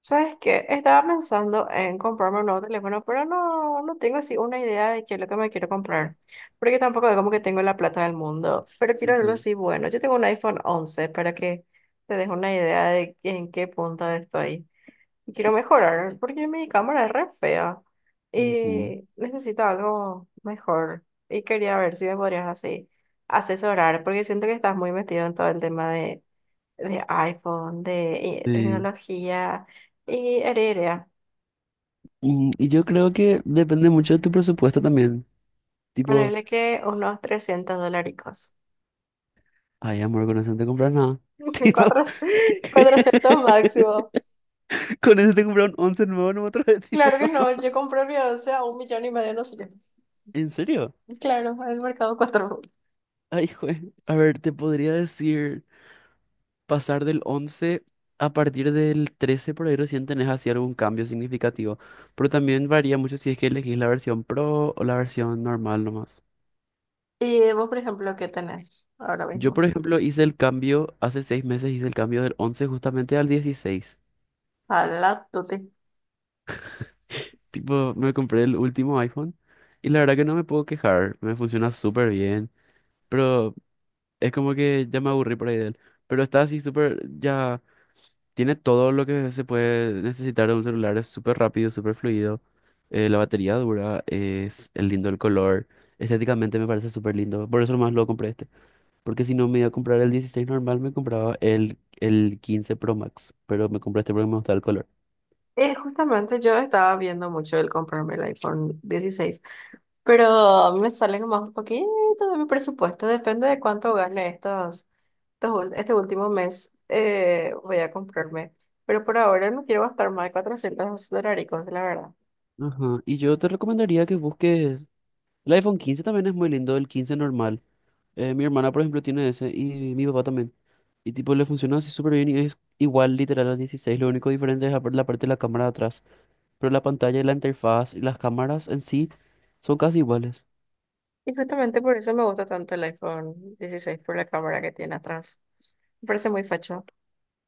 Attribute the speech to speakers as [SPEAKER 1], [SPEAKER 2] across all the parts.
[SPEAKER 1] ¿Sabes qué? Estaba pensando en comprarme un nuevo teléfono, pero no tengo así una idea de qué es lo que me quiero comprar, porque tampoco es como que tengo la plata del mundo, pero quiero algo
[SPEAKER 2] Ujú,
[SPEAKER 1] así bueno. Yo tengo un iPhone 11 para que te des una idea de en qué punto estoy. Y quiero
[SPEAKER 2] y-
[SPEAKER 1] mejorar, porque mi cámara es re fea
[SPEAKER 2] ujú.
[SPEAKER 1] y necesito algo mejor. Y quería ver si me podrías así asesorar, porque siento que estás muy metido en todo el tema de iPhone, de
[SPEAKER 2] Sí.
[SPEAKER 1] tecnología y heredia.
[SPEAKER 2] Y yo creo que depende mucho de tu presupuesto también. Tipo,
[SPEAKER 1] Ponerle que unos trescientos dólares.
[SPEAKER 2] ay, amor, con eso no te compras nada. Tipo,
[SPEAKER 1] Cuatrocientos máximo.
[SPEAKER 2] con eso te compras un once nuevo en otro vez, tipo.
[SPEAKER 1] Claro que no, yo compré mi once a un millón y medio, no sé qué.
[SPEAKER 2] ¿En serio?
[SPEAKER 1] Claro, en el mercado cuatro.
[SPEAKER 2] Ay, jue. A ver, te podría decir, pasar del 11 a partir del 13 por ahí recién tenés así algún cambio significativo. Pero también varía mucho si es que elegís la versión Pro o la versión normal nomás.
[SPEAKER 1] Y vos, por ejemplo, ¿qué tenés ahora
[SPEAKER 2] Yo,
[SPEAKER 1] mismo?
[SPEAKER 2] por ejemplo, hice el cambio, hace 6 meses hice el cambio del 11 justamente al 16.
[SPEAKER 1] A la tuti.
[SPEAKER 2] Tipo, me compré el último iPhone y la verdad que no me puedo quejar, me funciona súper bien, pero es como que ya me aburrí por ahí de él. Pero está así súper, ya tiene todo lo que se puede necesitar de un celular, es súper rápido, súper fluido, la batería dura, es el lindo el color, estéticamente me parece súper lindo, por eso nomás lo compré este. Porque si no me iba a comprar el 16 normal, me compraba el 15 Pro Max. Pero me compré este porque me gustaba el color.
[SPEAKER 1] Justamente yo estaba viendo mucho el comprarme el iPhone 16, pero a mí me sale nomás un poquito de mi presupuesto, depende de cuánto gane estos este último mes, voy a comprarme. Pero por ahora no quiero gastar más de 400 dolaricos, la verdad.
[SPEAKER 2] Ajá. Y yo te recomendaría que busques. El iPhone 15 también es muy lindo, el 15 normal. Mi hermana, por ejemplo, tiene ese y mi papá también. Y tipo, le funciona así súper bien y es igual literal al 16. Lo único diferente es la parte de la cámara de atrás. Pero la pantalla y la interfaz y las cámaras en sí son casi iguales.
[SPEAKER 1] Y justamente por eso me gusta tanto el iPhone 16 por la cámara que tiene atrás. Me parece muy facho,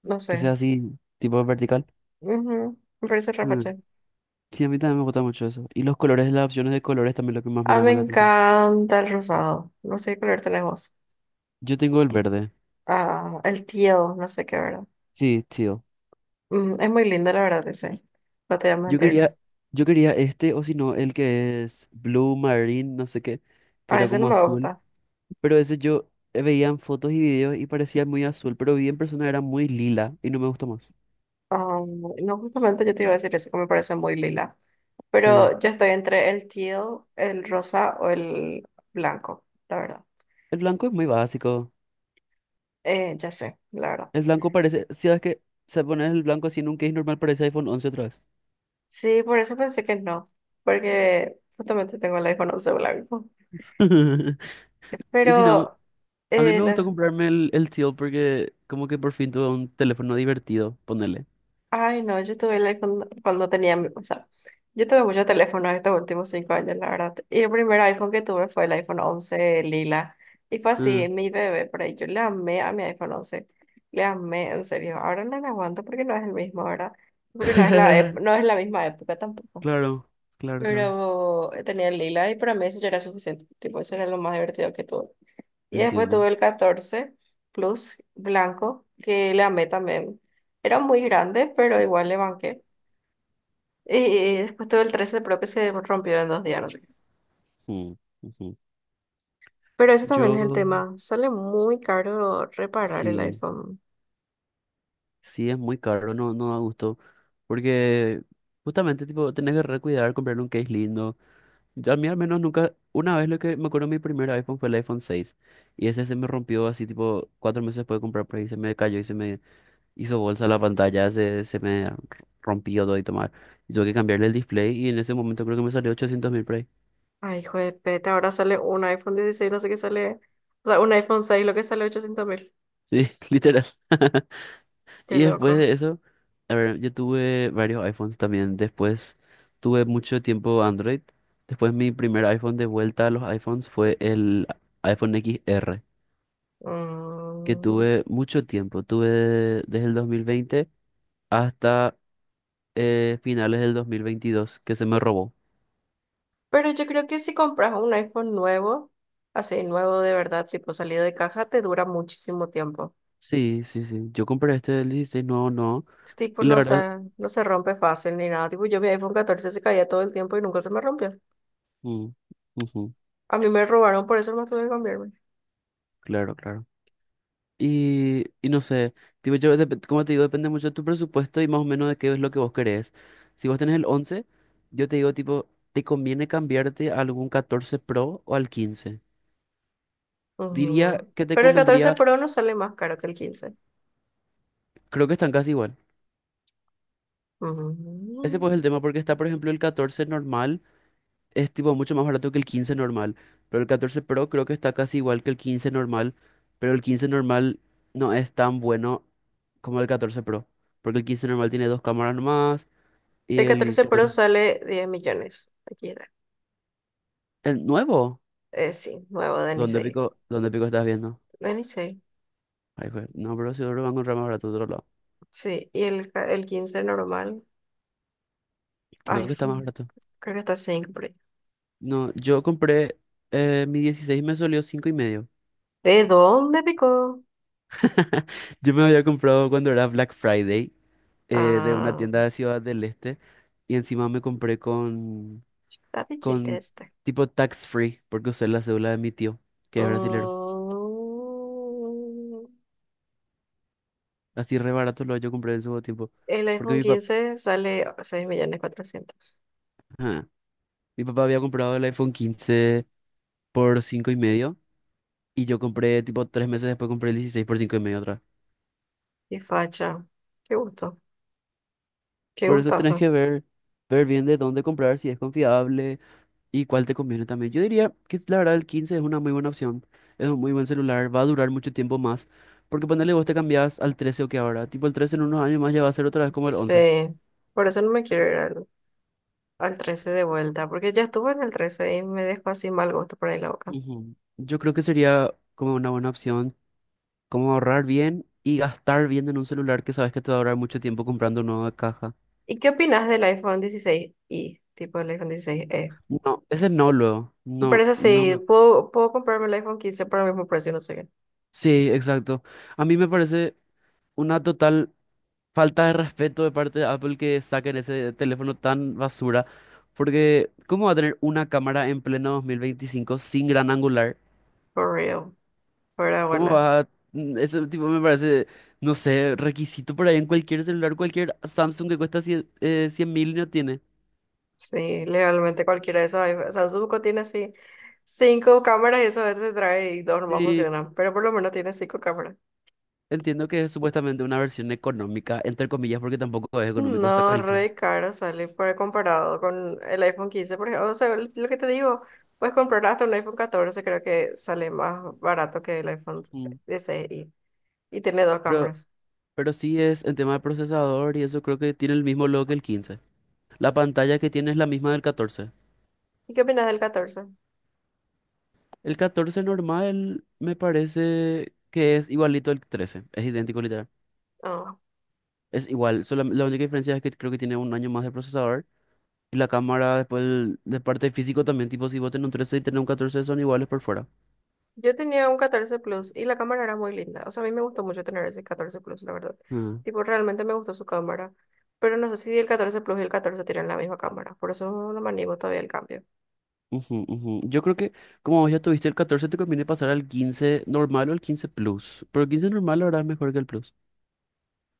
[SPEAKER 1] no
[SPEAKER 2] Que
[SPEAKER 1] sé.
[SPEAKER 2] sea así, tipo vertical.
[SPEAKER 1] Ujú, me parece re
[SPEAKER 2] Mm.
[SPEAKER 1] facho.
[SPEAKER 2] Sí, a mí también me gusta mucho eso. Y los colores, las opciones de colores también es lo que más me
[SPEAKER 1] Ah, me
[SPEAKER 2] llama la atención.
[SPEAKER 1] encanta el rosado, no sé qué color tenés vos.
[SPEAKER 2] Yo tengo el verde.
[SPEAKER 1] Ah, el tío, no sé qué, ¿verdad?
[SPEAKER 2] Sí, tío.
[SPEAKER 1] Mm, es muy lindo, la verdad, ese. No te voy a
[SPEAKER 2] Yo
[SPEAKER 1] mentir.
[SPEAKER 2] quería, yo quería este, o si no, el que es Blue Marine, no sé qué, que
[SPEAKER 1] A
[SPEAKER 2] era
[SPEAKER 1] ese no
[SPEAKER 2] como
[SPEAKER 1] me
[SPEAKER 2] azul.
[SPEAKER 1] gusta.
[SPEAKER 2] Pero ese yo veía en fotos y videos y parecía muy azul, pero vi en persona era muy lila y no me gustó más.
[SPEAKER 1] Ah, no, justamente yo te iba a decir eso, que me parece muy lila.
[SPEAKER 2] Sí.
[SPEAKER 1] Pero yo estoy entre el tío, el rosa o el blanco, la verdad.
[SPEAKER 2] El blanco es muy básico.
[SPEAKER 1] Ya sé, la verdad.
[SPEAKER 2] El blanco parece, si sabes que se pone el blanco así en un case normal, parece iPhone once otra vez.
[SPEAKER 1] Sí, por eso pensé que no, porque justamente tengo el iPhone 11 blanco.
[SPEAKER 2] Y si no,
[SPEAKER 1] Pero
[SPEAKER 2] a mí
[SPEAKER 1] eh,
[SPEAKER 2] me gustó
[SPEAKER 1] la-
[SPEAKER 2] comprarme el teal porque como que por fin tuve un teléfono divertido, ponele.
[SPEAKER 1] Ay, no, yo tuve el iPhone cuando tenía, o sea, yo tuve muchos teléfonos estos últimos cinco años, la verdad. Y el primer iPhone que tuve fue el iPhone 11 lila. Y fue
[SPEAKER 2] Ah.
[SPEAKER 1] así, mi bebé, por ahí yo le amé a mi iPhone once. Le amé, en serio. Ahora no lo aguanto porque no es el mismo, ¿verdad? Porque no es no es la misma época tampoco.
[SPEAKER 2] Claro, claro, claro.
[SPEAKER 1] Pero tenía el lila y para mí eso ya era suficiente. Tipo, eso era lo más divertido que tuve. Y después
[SPEAKER 2] Entiendo.
[SPEAKER 1] tuve el 14 Plus blanco, que le amé también. Era muy grande, pero igual le banqué. Y después tuve el 13 Pro que se rompió en dos días, no sé qué.
[SPEAKER 2] Mm, ujú.
[SPEAKER 1] Pero ese también es el
[SPEAKER 2] Yo,
[SPEAKER 1] tema. Sale muy caro reparar el
[SPEAKER 2] sí,
[SPEAKER 1] iPhone.
[SPEAKER 2] sí es muy caro, no, no da gusto. Porque justamente, tipo, tenés que recuidar, comprar un case lindo. Yo, a mí al menos nunca, una vez lo que me acuerdo mi primer iPhone fue el iPhone 6, y ese se me rompió así, tipo, 4 meses después de comprar, por ahí se me cayó y se me hizo bolsa la pantalla, se me rompió todo y tomar. Y tuve que cambiarle el display y en ese momento creo que me salió 800.000 por ahí.
[SPEAKER 1] Ay, hijo de peta, ahora sale un iPhone 16 no sé qué sale. O sea, un iPhone 6 lo que sale 800 mil.
[SPEAKER 2] Sí, literal.
[SPEAKER 1] Qué
[SPEAKER 2] Y después
[SPEAKER 1] loco.
[SPEAKER 2] de eso, a ver, yo tuve varios iPhones también. Después tuve mucho tiempo Android. Después mi primer iPhone de vuelta a los iPhones fue el iPhone XR, que
[SPEAKER 1] Mm.
[SPEAKER 2] tuve mucho tiempo. Tuve desde el 2020 hasta finales del 2022, que se me robó.
[SPEAKER 1] Pero yo creo que si compras un iPhone nuevo, así nuevo de verdad, tipo salido de caja, te dura muchísimo tiempo.
[SPEAKER 2] Sí, sí, sí. Yo compré este del 16, no, no.
[SPEAKER 1] Es tipo,
[SPEAKER 2] Y la
[SPEAKER 1] no
[SPEAKER 2] verdad.
[SPEAKER 1] se, no se rompe fácil ni nada. Tipo, yo mi iPhone 14 se caía todo el tiempo y nunca se me rompió.
[SPEAKER 2] Mm, ujú,
[SPEAKER 1] A mí me robaron, por eso más tuve que cambiarme.
[SPEAKER 2] claro, claro. Y no sé, tipo, yo, como te digo, depende mucho de tu presupuesto y más o menos de qué es lo que vos querés. Si vos tenés el 11 yo te digo, tipo, te conviene cambiarte a algún 14 Pro o al quince. Diría
[SPEAKER 1] Ujú.
[SPEAKER 2] que te
[SPEAKER 1] Pero el 14
[SPEAKER 2] convendría,
[SPEAKER 1] Pro no sale más caro que el quince.
[SPEAKER 2] creo que están casi igual.
[SPEAKER 1] Ujú.
[SPEAKER 2] Ese pues es el tema porque está, por ejemplo, el 14 normal, es tipo mucho más barato que el 15 normal, pero el 14 Pro creo que está casi igual que el 15 normal, pero el 15 normal no es tan bueno como el 14 Pro, porque el 15 normal tiene dos cámaras nomás. Y
[SPEAKER 1] El
[SPEAKER 2] el.
[SPEAKER 1] 14 Pro sale 10 millones. Aquí está.
[SPEAKER 2] El nuevo,
[SPEAKER 1] Sí, nuevo de
[SPEAKER 2] ¿dónde
[SPEAKER 1] Nisei.
[SPEAKER 2] pico, dónde pico estás viendo?
[SPEAKER 1] De Nisei.
[SPEAKER 2] Ay, jue-. No, pero seguro va a encontrar más barato de otro lado.
[SPEAKER 1] Sí, y el 15 normal,
[SPEAKER 2] Creo que está más
[SPEAKER 1] iPhone.
[SPEAKER 2] barato.
[SPEAKER 1] Creo que está cinco por ahí.
[SPEAKER 2] No, yo compré mi 16 me salió cinco y medio.
[SPEAKER 1] ¿De dónde picó?
[SPEAKER 2] Yo me había comprado cuando era Black Friday de una
[SPEAKER 1] Ah,
[SPEAKER 2] tienda de Ciudad del Este y encima me compré con,
[SPEAKER 1] está de Chile
[SPEAKER 2] con
[SPEAKER 1] este.
[SPEAKER 2] tipo tax free porque usé la cédula de mi tío, que es brasilero.
[SPEAKER 1] Mm,
[SPEAKER 2] Así re barato lo yo compré en su tiempo.
[SPEAKER 1] el
[SPEAKER 2] Porque
[SPEAKER 1] iPhone
[SPEAKER 2] mi papá,
[SPEAKER 1] 15 sale 6 millones 400.
[SPEAKER 2] mi papá había comprado el iPhone 15 por cinco y medio. Y yo compré, tipo, 3 meses después compré el 16 por 5 y medio otra vez.
[SPEAKER 1] Qué facha. Qué gusto. Qué
[SPEAKER 2] Por eso tenés
[SPEAKER 1] gustazo.
[SPEAKER 2] que ver, ver bien de dónde comprar, si es confiable y cuál te conviene también. Yo diría que la verdad el 15 es una muy buena opción. Es un muy buen celular, va a durar mucho tiempo más. Porque ponele vos te cambiás al 13 o que ahora. Tipo, el 13 en unos años más ya va a ser otra vez como el once.
[SPEAKER 1] Sí, por eso no me quiero ir al 13 de vuelta, porque ya estuve en el 13 y me dejó así mal gusto por ahí la boca.
[SPEAKER 2] Ujú. Yo creo que sería como una buena opción, como ahorrar bien y gastar bien en un celular que sabes que te va a durar mucho tiempo comprando una nueva caja.
[SPEAKER 1] ¿Y qué opinas del iPhone dieciséis i? Tipo el iPhone dieciséis e.
[SPEAKER 2] No, ese no, luego.
[SPEAKER 1] Me
[SPEAKER 2] No,
[SPEAKER 1] parece así,
[SPEAKER 2] no.
[SPEAKER 1] puedo comprarme el iPhone 15 por el mismo precio, no sé qué.
[SPEAKER 2] Sí, exacto. A mí me parece una total falta de respeto de parte de Apple que saquen ese teléfono tan basura, porque ¿cómo va a tener una cámara en pleno 2025 sin gran angular?
[SPEAKER 1] For real, fuera de
[SPEAKER 2] ¿Cómo
[SPEAKER 1] bola.
[SPEAKER 2] va? Ese tipo me parece, no sé, requisito por ahí en cualquier celular, cualquier Samsung que cuesta 100.000 no tiene.
[SPEAKER 1] Sí, legalmente cualquiera de esos iPhones, Samsung tiene así cinco cámaras y eso a veces trae y dos nomás
[SPEAKER 2] Sí,
[SPEAKER 1] funcionan, pero por lo menos tiene cinco cámaras.
[SPEAKER 2] entiendo que es supuestamente una versión económica, entre comillas, porque tampoco es económico, está
[SPEAKER 1] No,
[SPEAKER 2] carísimo.
[SPEAKER 1] re caro sale por comparado con el iPhone 15, por ejemplo. O sea, lo que te digo, puedes comprar hasta un iPhone 14, creo que sale más barato que el iPhone
[SPEAKER 2] Ujú.
[SPEAKER 1] 16 y tiene dos
[SPEAKER 2] Pero
[SPEAKER 1] cámaras.
[SPEAKER 2] Pero sí es el tema del procesador y eso creo que tiene el mismo logo que el 15. La pantalla que tiene es la misma del 14.
[SPEAKER 1] ¿Y qué opinas del 14?
[SPEAKER 2] El 14 normal me parece que es igualito al 13. Es idéntico literal.
[SPEAKER 1] Ah,
[SPEAKER 2] Es igual. Solo la única diferencia es que creo que tiene un año más de procesador. Y la cámara después de parte físico también. Tipo si vos tenés un 13 y tenés un 14 son iguales por fuera.
[SPEAKER 1] yo tenía un 14 Plus y la cámara era muy linda. O sea, a mí me gustó mucho tener ese 14 Plus, la verdad.
[SPEAKER 2] Ah,
[SPEAKER 1] Tipo, realmente me gustó su cámara. Pero no sé si el 14 Plus y el 14 tienen la misma cámara. Por eso no me animo todavía al cambio.
[SPEAKER 2] ujú, ujú. Yo creo que como vos ya tuviste el 14 te conviene pasar al 15 normal o al 15 Plus. Pero el 15 normal ahora es mejor que el Plus.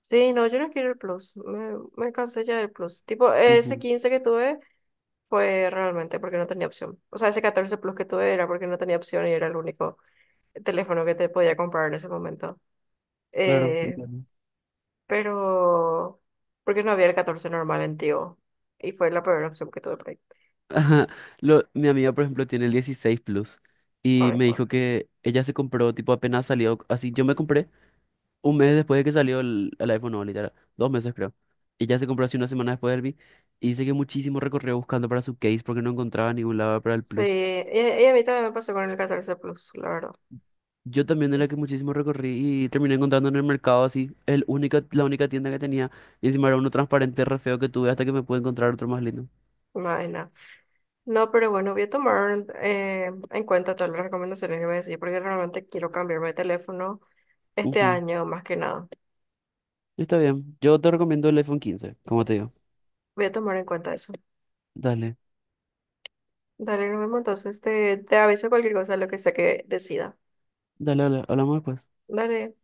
[SPEAKER 1] Sí, no, yo no quiero el Plus. Me cansé ya del Plus. Tipo, ese
[SPEAKER 2] Ujú,
[SPEAKER 1] 15 que tuve fue realmente porque no tenía opción. O sea, ese 14 Plus que tuve era porque no tenía opción y era el único teléfono que te podía comprar en ese momento.
[SPEAKER 2] claro,
[SPEAKER 1] Eh,
[SPEAKER 2] entiendo.
[SPEAKER 1] pero, porque no había el 14 normal en Tigo. Y fue la peor opción que tuve por ahí.
[SPEAKER 2] Ajá, lo, mi amiga, por ejemplo, tiene el 16 Plus y
[SPEAKER 1] Ay,
[SPEAKER 2] me
[SPEAKER 1] joder.
[SPEAKER 2] dijo que ella se compró, tipo, apenas salió, así, yo me compré un mes después de que salió el iPhone, no, literal, 2 meses creo. Ella se compró así una semana después del Vi y dice que muchísimo recorrió buscando para su case porque no encontraba ningún lado para el
[SPEAKER 1] Sí,
[SPEAKER 2] Plus.
[SPEAKER 1] y a mí también me pasó con el 14 Plus, la verdad.
[SPEAKER 2] Yo también era que muchísimo recorrí y terminé encontrando en el mercado así, la única tienda que tenía y encima era uno transparente re feo que tuve hasta que me pude encontrar otro más lindo.
[SPEAKER 1] No, nada. No, pero bueno, voy a tomar en cuenta todas las recomendaciones que me decís porque realmente quiero cambiarme de teléfono. Este
[SPEAKER 2] Ujú,
[SPEAKER 1] año, más que nada.
[SPEAKER 2] está bien, yo te recomiendo el iPhone 15 como te digo.
[SPEAKER 1] Voy a tomar en cuenta eso.
[SPEAKER 2] Dale.
[SPEAKER 1] Dale, nos vemos entonces. Te aviso cualquier cosa, lo que sea que decida.
[SPEAKER 2] Dale, dale, hablamos después.
[SPEAKER 1] Dale.